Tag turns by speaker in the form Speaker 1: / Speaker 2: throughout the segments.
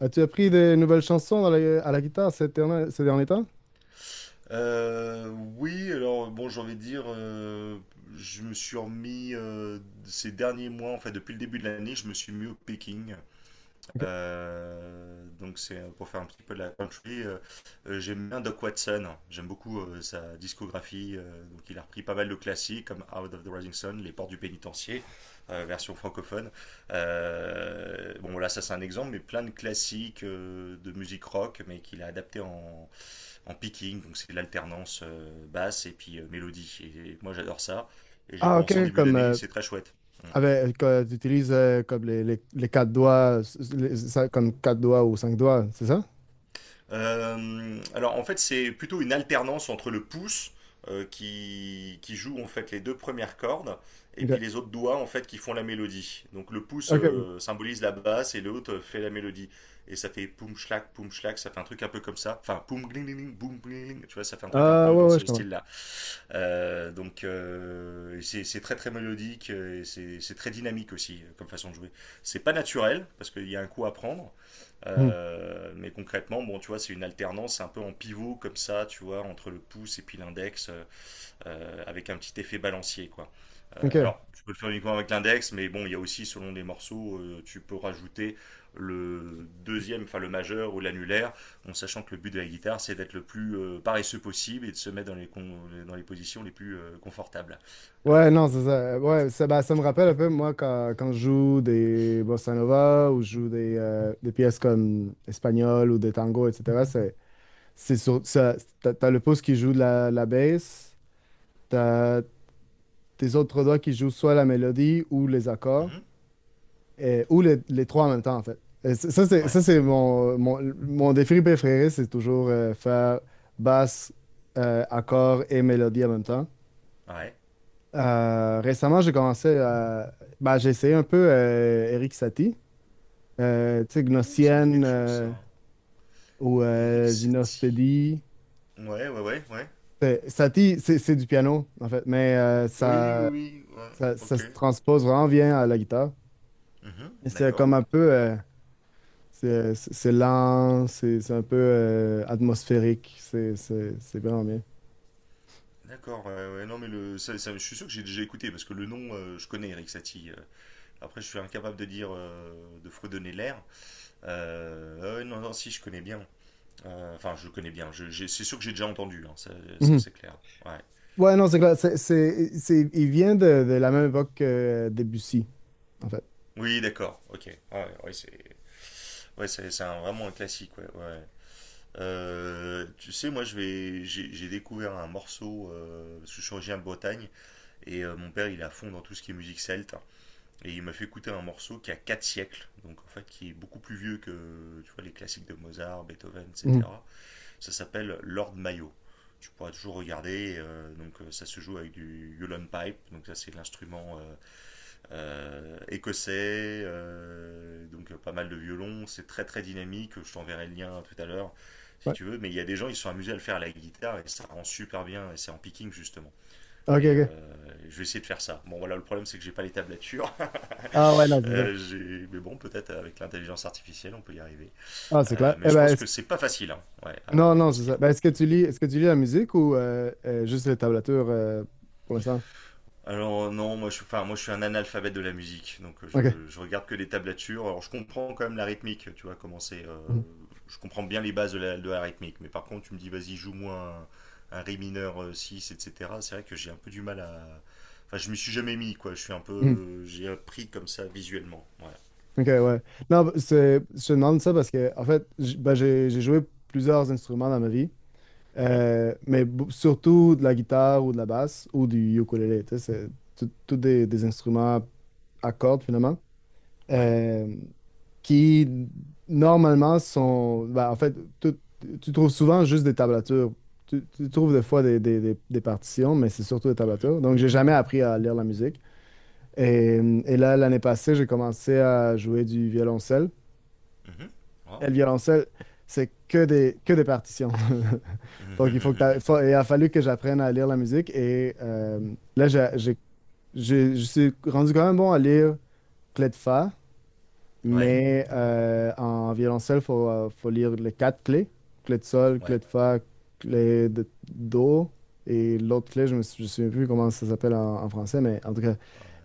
Speaker 1: As-tu appris des nouvelles chansons à la guitare ces derniers temps?
Speaker 2: Euh, oui, alors bon, j'ai envie de dire, je me suis remis ces derniers mois, en fait, depuis le début de l'année, je me suis mis au picking.
Speaker 1: Ok.
Speaker 2: Donc c'est pour faire un petit peu de la country. J'aime bien Doc Watson, j'aime beaucoup sa discographie. Donc il a repris pas mal de classiques comme Out of the Rising Sun, Les Portes du Pénitencier, version francophone. Bon, là, ça c'est un exemple, mais plein de classiques de musique rock, mais qu'il a adapté en en picking, donc c'est l'alternance basse et puis mélodie. Et moi j'adore ça. Et j'ai
Speaker 1: Ah,
Speaker 2: commencé en
Speaker 1: ok,
Speaker 2: début
Speaker 1: comme
Speaker 2: d'année et c'est très chouette. Mm.
Speaker 1: que tu utilises comme les quatre doigts, ça, comme quatre doigts ou cinq doigts, c'est ça?
Speaker 2: Alors en fait c'est plutôt une alternance entre le pouce qui joue en fait les deux premières cordes et
Speaker 1: Ok,
Speaker 2: puis les autres doigts en fait qui font la mélodie. Donc le pouce
Speaker 1: ok, ok.
Speaker 2: symbolise la basse et l'autre fait la mélodie. Et ça fait poum schlac, ça fait un truc un peu comme ça. Enfin poum gling gling, boum gling gling, tu vois, ça fait un truc un
Speaker 1: Ah,
Speaker 2: peu
Speaker 1: ouais,
Speaker 2: dans
Speaker 1: ouais, je
Speaker 2: ce
Speaker 1: comprends.
Speaker 2: style-là. C'est très très mélodique et c'est très dynamique aussi comme façon de jouer. C'est pas naturel parce qu'il y a un coup à prendre,
Speaker 1: Hmm.
Speaker 2: mais concrètement, bon, tu vois, c'est une alternance un peu en pivot comme ça, tu vois, entre le pouce et puis l'index. Avec un petit effet balancier, quoi.
Speaker 1: Ok.
Speaker 2: Alors, tu peux le faire uniquement avec l'index, mais bon, il y a aussi, selon les morceaux, tu peux rajouter le deuxième, enfin le majeur ou l'annulaire, en sachant que le but de la guitare, c'est d'être le plus paresseux possible et de se mettre dans les, dans les positions les plus confortables.
Speaker 1: Ouais,
Speaker 2: Euh,
Speaker 1: non, c'est ça.
Speaker 2: voilà,
Speaker 1: Ouais, ça, bah, ça me
Speaker 2: tu me
Speaker 1: rappelle un
Speaker 2: contredis.
Speaker 1: peu, moi, quand je joue des bossa nova ou je joue des pièces comme espagnol ou des tangos, etc. C'est sur, ça, t'as le pouce qui joue de la basse. T'as tes autres doigts qui jouent soit la mélodie ou les accords,
Speaker 2: Mhm.
Speaker 1: ou les trois en même temps, en fait. Ça,
Speaker 2: Ouais,
Speaker 1: c'est mon défi préféré, c'est toujours faire basse, accord et mélodie en même temps.
Speaker 2: ouais.
Speaker 1: Récemment, bah, j'ai essayé un peu Eric Satie, tu sais,
Speaker 2: Ouh, ça me dit
Speaker 1: Gnossienne
Speaker 2: quelque chose, ça.
Speaker 1: ou
Speaker 2: Eric Satie.
Speaker 1: Gynospédie.
Speaker 2: Ouais, ouais, ouais, ouais.
Speaker 1: Satie, c'est du piano, en fait, mais
Speaker 2: Oui, oui, oui, ouais,
Speaker 1: ça
Speaker 2: ok.
Speaker 1: se transpose vraiment bien à la guitare.
Speaker 2: Mhm,
Speaker 1: Et c'est
Speaker 2: d'accord.
Speaker 1: lent, c'est un peu atmosphérique, c'est vraiment bien.
Speaker 2: D'accord, ouais, ouais, non mais le, ça- je suis sûr que j'ai déjà écouté parce que le nom, je connais Eric Satie. Après, je suis incapable de dire, de fredonner l'air. Ouais, non, non, si, je connais bien. Enfin, je connais bien. C'est sûr que j'ai déjà entendu, hein, ça,
Speaker 1: Mhm.
Speaker 2: c'est clair. Ouais.
Speaker 1: Ouais, non, c'est clair. Il vient de la même époque que Debussy, en fait.
Speaker 2: Oui, d'accord. Ok. Ouais, ouais, c'est, ouais, c'est vraiment un classique. Ouais, ouais. Tu sais, moi, je vais, j'ai découvert un morceau. Parce que je suis originaire de Bretagne et mon père, il est à fond dans tout ce qui est musique celte. Et il m'a fait écouter un morceau qui a 4 siècles, donc en fait qui est beaucoup plus vieux que tu vois, les classiques de Mozart, Beethoven,
Speaker 1: Mhm.
Speaker 2: etc. Ça s'appelle Lord Mayo. Tu pourras toujours regarder, ça se joue avec du Yulon Pipe, donc ça c'est l'instrument écossais, pas mal de violons, c'est très très dynamique, je t'enverrai le lien tout à l'heure si
Speaker 1: Ouais.
Speaker 2: tu veux, mais il y a des gens ils se sont amusés à le faire à la guitare et ça rend super bien, et c'est en picking justement.
Speaker 1: OK,
Speaker 2: Et euh,
Speaker 1: OK.
Speaker 2: je vais essayer de faire ça. Bon voilà, le problème c'est que j'ai pas les tablatures,
Speaker 1: Ah ouais, non, c'est ça.
Speaker 2: mais bon, peut-être avec l'intelligence artificielle, on peut y arriver.
Speaker 1: Ah, c'est clair.
Speaker 2: Mais je pense que c'est pas facile, hein, ouais, à
Speaker 1: Non, non, c'est ça.
Speaker 2: retranscrire.
Speaker 1: Ben, est-ce que tu lis la musique ou juste les tablatures pour l'instant?
Speaker 2: Alors non, enfin, moi je suis un analphabète de la musique, donc
Speaker 1: OK.
Speaker 2: je regarde que les tablatures. Alors je comprends quand même la rythmique, tu vois, comment c'est.
Speaker 1: Mhm.
Speaker 2: Je comprends bien les bases de la rythmique, mais par contre tu me dis vas-y joue-moi un ré mineur 6, etc. C'est vrai que j'ai un peu du mal à. Enfin, je m'y suis jamais mis, quoi. Je suis un
Speaker 1: Mhm.
Speaker 2: peu, j'ai appris comme ça visuellement. Ouais.
Speaker 1: OK, ouais. Non, c'est, je te demande ça parce que, en fait, ben, j'ai joué plusieurs instruments dans ma vie.
Speaker 2: Mhm.
Speaker 1: Mais surtout de la guitare ou de la basse ou du ukulélé. Tu sais, c'est tout des instruments à cordes finalement
Speaker 2: Ouais.
Speaker 1: euh, qui normalement sont. Ben, en fait, tu trouves souvent juste des tablatures. Tu trouves des fois des partitions, mais c'est surtout des
Speaker 2: Mhm.
Speaker 1: tablatures. Donc, j'ai jamais appris à lire la musique. Et, et là, l'année passée, j'ai commencé à jouer du violoncelle.
Speaker 2: Mhm.
Speaker 1: Et
Speaker 2: Wow.
Speaker 1: le violoncelle, c'est que des partitions. Donc, il faut que t'a-
Speaker 2: Mhm.
Speaker 1: faut- il a fallu que j'apprenne à lire la musique. Et là, je suis rendu quand même bon à lire clé de fa,
Speaker 2: Ouais.
Speaker 1: mais en violoncelle, il faut, faut lire les quatre clés. Clé de sol, clé
Speaker 2: Ouais.
Speaker 1: de fa, clé de do. Et l'autre clé, je me souviens plus comment ça s'appelle en, en français, mais en tout cas,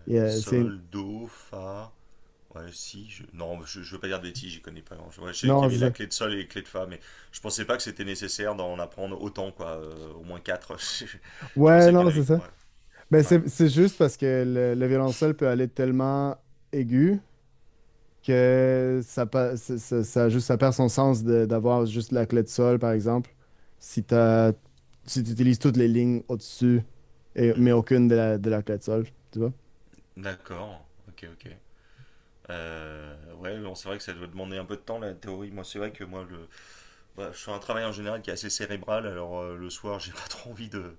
Speaker 1: c'est...
Speaker 2: Sol, Do, Fa. Ouais, si. Je... Non, je veux pas dire de bêtises, j'y connais pas grand ouais, je sais qu'il y
Speaker 1: Non,
Speaker 2: avait
Speaker 1: c'est
Speaker 2: la
Speaker 1: ça.
Speaker 2: clé de Sol et les clés de Fa, mais je pensais pas que c'était nécessaire d'en apprendre autant, quoi. Au moins quatre. Je
Speaker 1: Ouais,
Speaker 2: pensais qu'il y
Speaker 1: non,
Speaker 2: en avait.
Speaker 1: c'est ça.
Speaker 2: Ouais.
Speaker 1: Ben
Speaker 2: Ouais.
Speaker 1: c'est juste parce que le violoncelle peut aller tellement aigu que ça, pa- ça- ça- juste, ça perd son sens d'avoir juste la clé de sol, par exemple, si t'as, si tu utilises toutes les lignes au-dessus, et, mais
Speaker 2: Mhm.
Speaker 1: aucune de la clé de sol, tu vois?
Speaker 2: D'accord. Ok, ok. Ouais, bon, c'est vrai que ça doit demander un peu de temps la théorie. Moi, c'est vrai que moi, le, bah, je fais un travail en général qui est assez cérébral, alors le soir, j'ai pas trop envie de,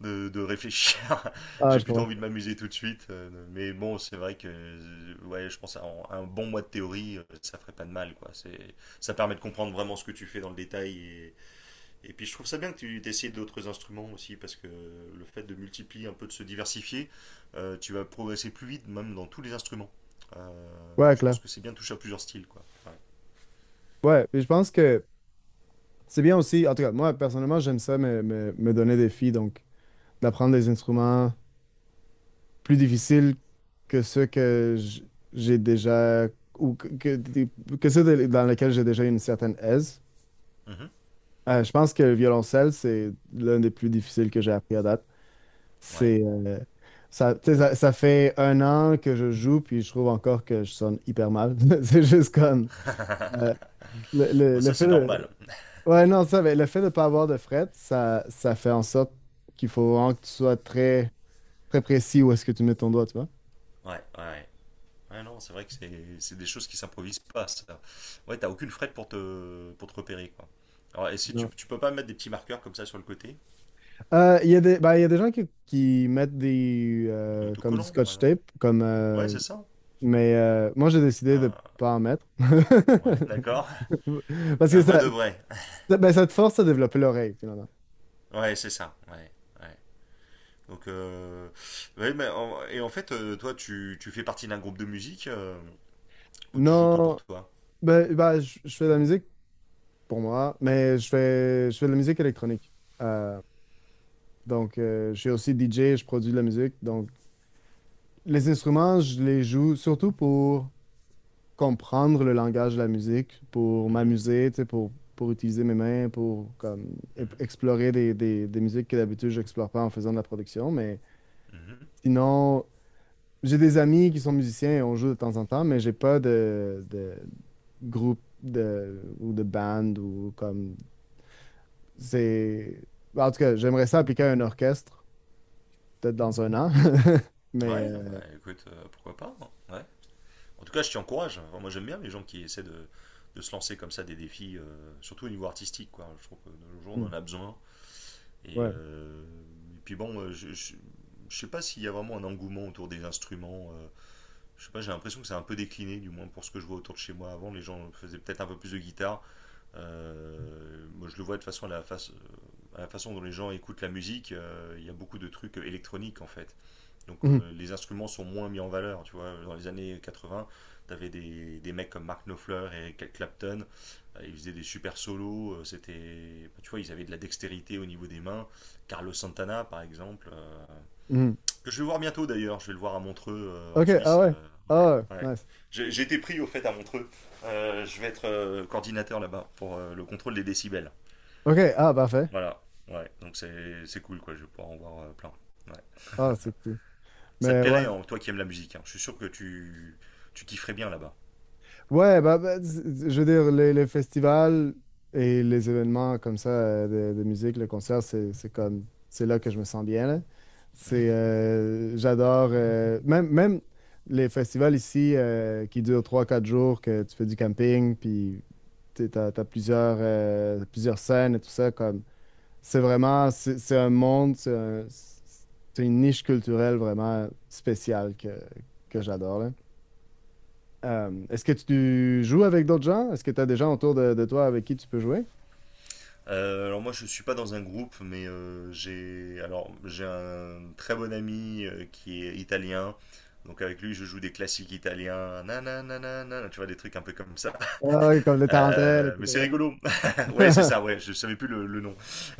Speaker 2: de réfléchir.
Speaker 1: Ah,
Speaker 2: J'ai
Speaker 1: je
Speaker 2: plutôt
Speaker 1: comprends.
Speaker 2: envie de m'amuser tout de suite. Mais bon, c'est vrai que ouais, je pense à un bon mois de théorie, ça ferait pas de mal, quoi. C'est, ça permet de comprendre vraiment ce que tu fais dans le détail. Et puis je trouve ça bien que tu essayes d'autres instruments aussi, parce que le fait de multiplier un peu, de se diversifier, tu vas progresser plus vite, même dans tous les instruments.
Speaker 1: Ouais,
Speaker 2: Je
Speaker 1: clair.
Speaker 2: pense que c'est bien de toucher à plusieurs styles, quoi. Ouais.
Speaker 1: Ouais, puis je pense que c'est bien aussi, en tout cas, moi, personnellement, j'aime ça, me donner des filles, donc d'apprendre des instruments, plus difficile que ceux que j'ai déjà ou que ceux dans lesquels j'ai déjà une certaine aise.
Speaker 2: Mhm.
Speaker 1: Je pense que le violoncelle, c'est l'un des plus difficiles que j'ai appris à date.
Speaker 2: Ouais.
Speaker 1: C'est ça, tu sais, ça fait un an que je joue, puis je trouve encore que je sonne hyper mal. C'est juste comme euh,
Speaker 2: Bon,
Speaker 1: le
Speaker 2: ça
Speaker 1: fait
Speaker 2: c'est normal.
Speaker 1: de ouais non ça, mais le fait de ne pas avoir de fret, ça fait en sorte qu'il faut vraiment que tu sois très précis où est-ce que tu mets ton doigt, tu
Speaker 2: Ouais, ouais. Ouais, non, c'est vrai que c'est des choses qui s'improvisent pas, ça. Ouais, t'as aucune frette pour te repérer, quoi. Alors, et si tu,
Speaker 1: vois.
Speaker 2: tu peux pas mettre des petits marqueurs comme ça sur le côté?
Speaker 1: Il y a des, ben, il y a des gens qui mettent des
Speaker 2: Un
Speaker 1: comme du
Speaker 2: autocollant, par
Speaker 1: scotch
Speaker 2: exemple.
Speaker 1: tape, comme,
Speaker 2: Ouais, c'est ça.
Speaker 1: mais moi j'ai décidé de
Speaker 2: Ah,
Speaker 1: pas en mettre.
Speaker 2: ouais, d'accord.
Speaker 1: Parce que
Speaker 2: Un vrai
Speaker 1: ça,
Speaker 2: de vrai.
Speaker 1: ben, ça te force à développer l'oreille, finalement.
Speaker 2: Ouais, c'est ça. Ouais, ouais. Donc, ouais, et en fait, toi, tu fais partie d'un groupe de musique où tu joues que pour
Speaker 1: Non,
Speaker 2: toi.
Speaker 1: ben, ben, je fais de la musique pour moi, mais je fais de la musique électronique. Euh, donc, je suis aussi DJ, je produis de la musique. Donc, les instruments, je les joue surtout pour comprendre le langage de la musique, pour
Speaker 2: Mhm,
Speaker 1: m'amuser, tu sais, pour utiliser mes mains, pour comme,
Speaker 2: mhm,
Speaker 1: explorer des musiques que d'habitude je n'explore pas en faisant de la production. Mais
Speaker 2: mhm.
Speaker 1: sinon, j'ai des amis qui sont musiciens et on joue de temps en temps, mais j'ai pas de, de groupe de, ou de band ou comme c'est... En tout cas, j'aimerais ça appliquer à un orchestre, peut-être dans un an. Mais
Speaker 2: Ouais, bah écoute, pourquoi pas, hein. Ouais. En tout cas, je t'y encourage. Enfin, moi, j'aime bien les gens qui essaient de se lancer comme ça des défis, surtout au niveau artistique. Quoi. Je trouve que de nos jours, on
Speaker 1: hmm,
Speaker 2: en a besoin. Et,
Speaker 1: ouais.
Speaker 2: euh, et puis bon, ne sais pas s'il y a vraiment un engouement autour des instruments. Je sais pas, j'ai l'impression que c'est un peu décliné, du moins pour ce que je vois autour de chez moi. Avant, les gens faisaient peut-être un peu plus de guitare. Moi, je le vois de façon à la, à la façon dont les gens écoutent la musique. Il y a beaucoup de trucs électroniques en fait. Donc
Speaker 1: Mhm,
Speaker 2: les instruments sont moins mis en valeur, tu vois. Dans les années 80, t'avais des mecs comme Mark Knopfler et Cal Clapton, ils faisaient des super solos, c'était, bah, tu vois, ils avaient de la dextérité au niveau des mains. Carlos Santana, par exemple,
Speaker 1: mhm.
Speaker 2: que je vais voir bientôt d'ailleurs, je vais le voir à Montreux en
Speaker 1: OK, ah
Speaker 2: Suisse.
Speaker 1: ouais. Ah,
Speaker 2: Ouais, ouais.
Speaker 1: nice.
Speaker 2: J'ai été pris au fait à Montreux. Je vais être coordinateur là-bas pour le contrôle des décibels.
Speaker 1: OK, ah, parfait.
Speaker 2: Voilà, ouais, donc c'est cool quoi, je vais pouvoir en voir plein. Ouais.
Speaker 1: Ah, c'est cool.
Speaker 2: Ça te
Speaker 1: Mais ouais,
Speaker 2: plairait, hein, toi qui aimes la musique, hein. Je suis sûr que tu kifferais bien là-bas.
Speaker 1: ouais, je veux dire, les festivals et les événements comme ça de musique, le concert, c'est comme, c'est là que je me sens bien, là.
Speaker 2: Mhm.
Speaker 1: C'est, j'adore, même les festivals ici qui durent trois quatre jours, que tu fais du camping, puis t'as plusieurs, plusieurs scènes et tout ça, comme, c'est vraiment, c'est un monde, c'est une niche culturelle vraiment spéciale que j'adore, là. Est-ce que tu joues avec d'autres gens? Est-ce que tu as des gens autour de toi avec qui tu peux jouer?
Speaker 2: Alors moi, je suis pas dans un groupe, mais j'ai un très bon ami qui est italien. Donc avec lui, je joue des classiques italiens. Nananana, tu vois, des trucs un peu comme ça.
Speaker 1: Ah, oui, comme les tarentelles,
Speaker 2: Mais c'est
Speaker 1: etc.
Speaker 2: rigolo. Ouais, c'est ça, ouais. Je savais plus le nom.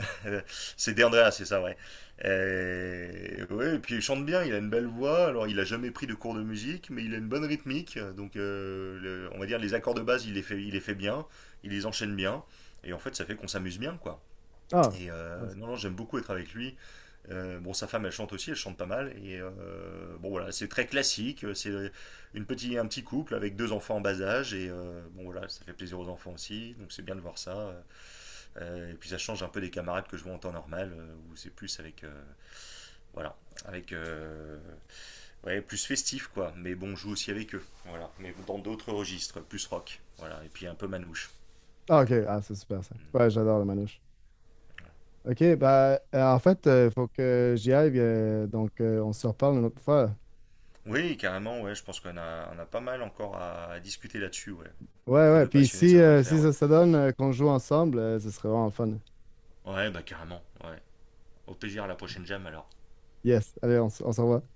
Speaker 2: C'est Deandra, c'est ça, ouais. Ouais, et puis il chante bien, il a une belle voix. Alors il a jamais pris de cours de musique, mais il a une bonne rythmique. Donc on va dire les accords de base, il les fait bien, il les enchaîne bien. Et en fait, ça fait qu'on s'amuse bien, quoi.
Speaker 1: Ah,
Speaker 2: Non, non, j'aime beaucoup être avec lui. Bon, sa femme, elle chante aussi, elle chante pas mal. Bon, voilà, c'est très classique. C'est un petit couple avec deux enfants en bas âge. Bon, voilà, ça fait plaisir aux enfants aussi. Donc, c'est bien de voir ça. Et puis, ça change un peu des camarades que je vois en temps normal, où c'est plus avec. Voilà, avec. Ouais, plus festif, quoi. Mais bon, je joue aussi avec eux. Voilà, mais dans d'autres registres, plus rock. Voilà, et puis un peu manouche.
Speaker 1: ah, ok. Ah, c'est super ça.
Speaker 2: Mm.
Speaker 1: Ouais, j'adore le manouche. Ok, bah, en fait, il faut que j'y aille. Euh, donc, on se reparle une autre fois.
Speaker 2: Oui, carrément, ouais, je pense qu'on a, on a pas mal encore à discuter là-dessus, ouais.
Speaker 1: Ouais,
Speaker 2: Entre
Speaker 1: ouais.
Speaker 2: deux
Speaker 1: Puis
Speaker 2: passionnés,
Speaker 1: si,
Speaker 2: ça devrait le
Speaker 1: si
Speaker 2: faire, ouais.
Speaker 1: ça se donne qu'on joue ensemble, ce serait vraiment fun.
Speaker 2: Ouais, bah carrément, ouais. Au plaisir à la prochaine jam alors.
Speaker 1: Yes. Allez, on, on se revoit.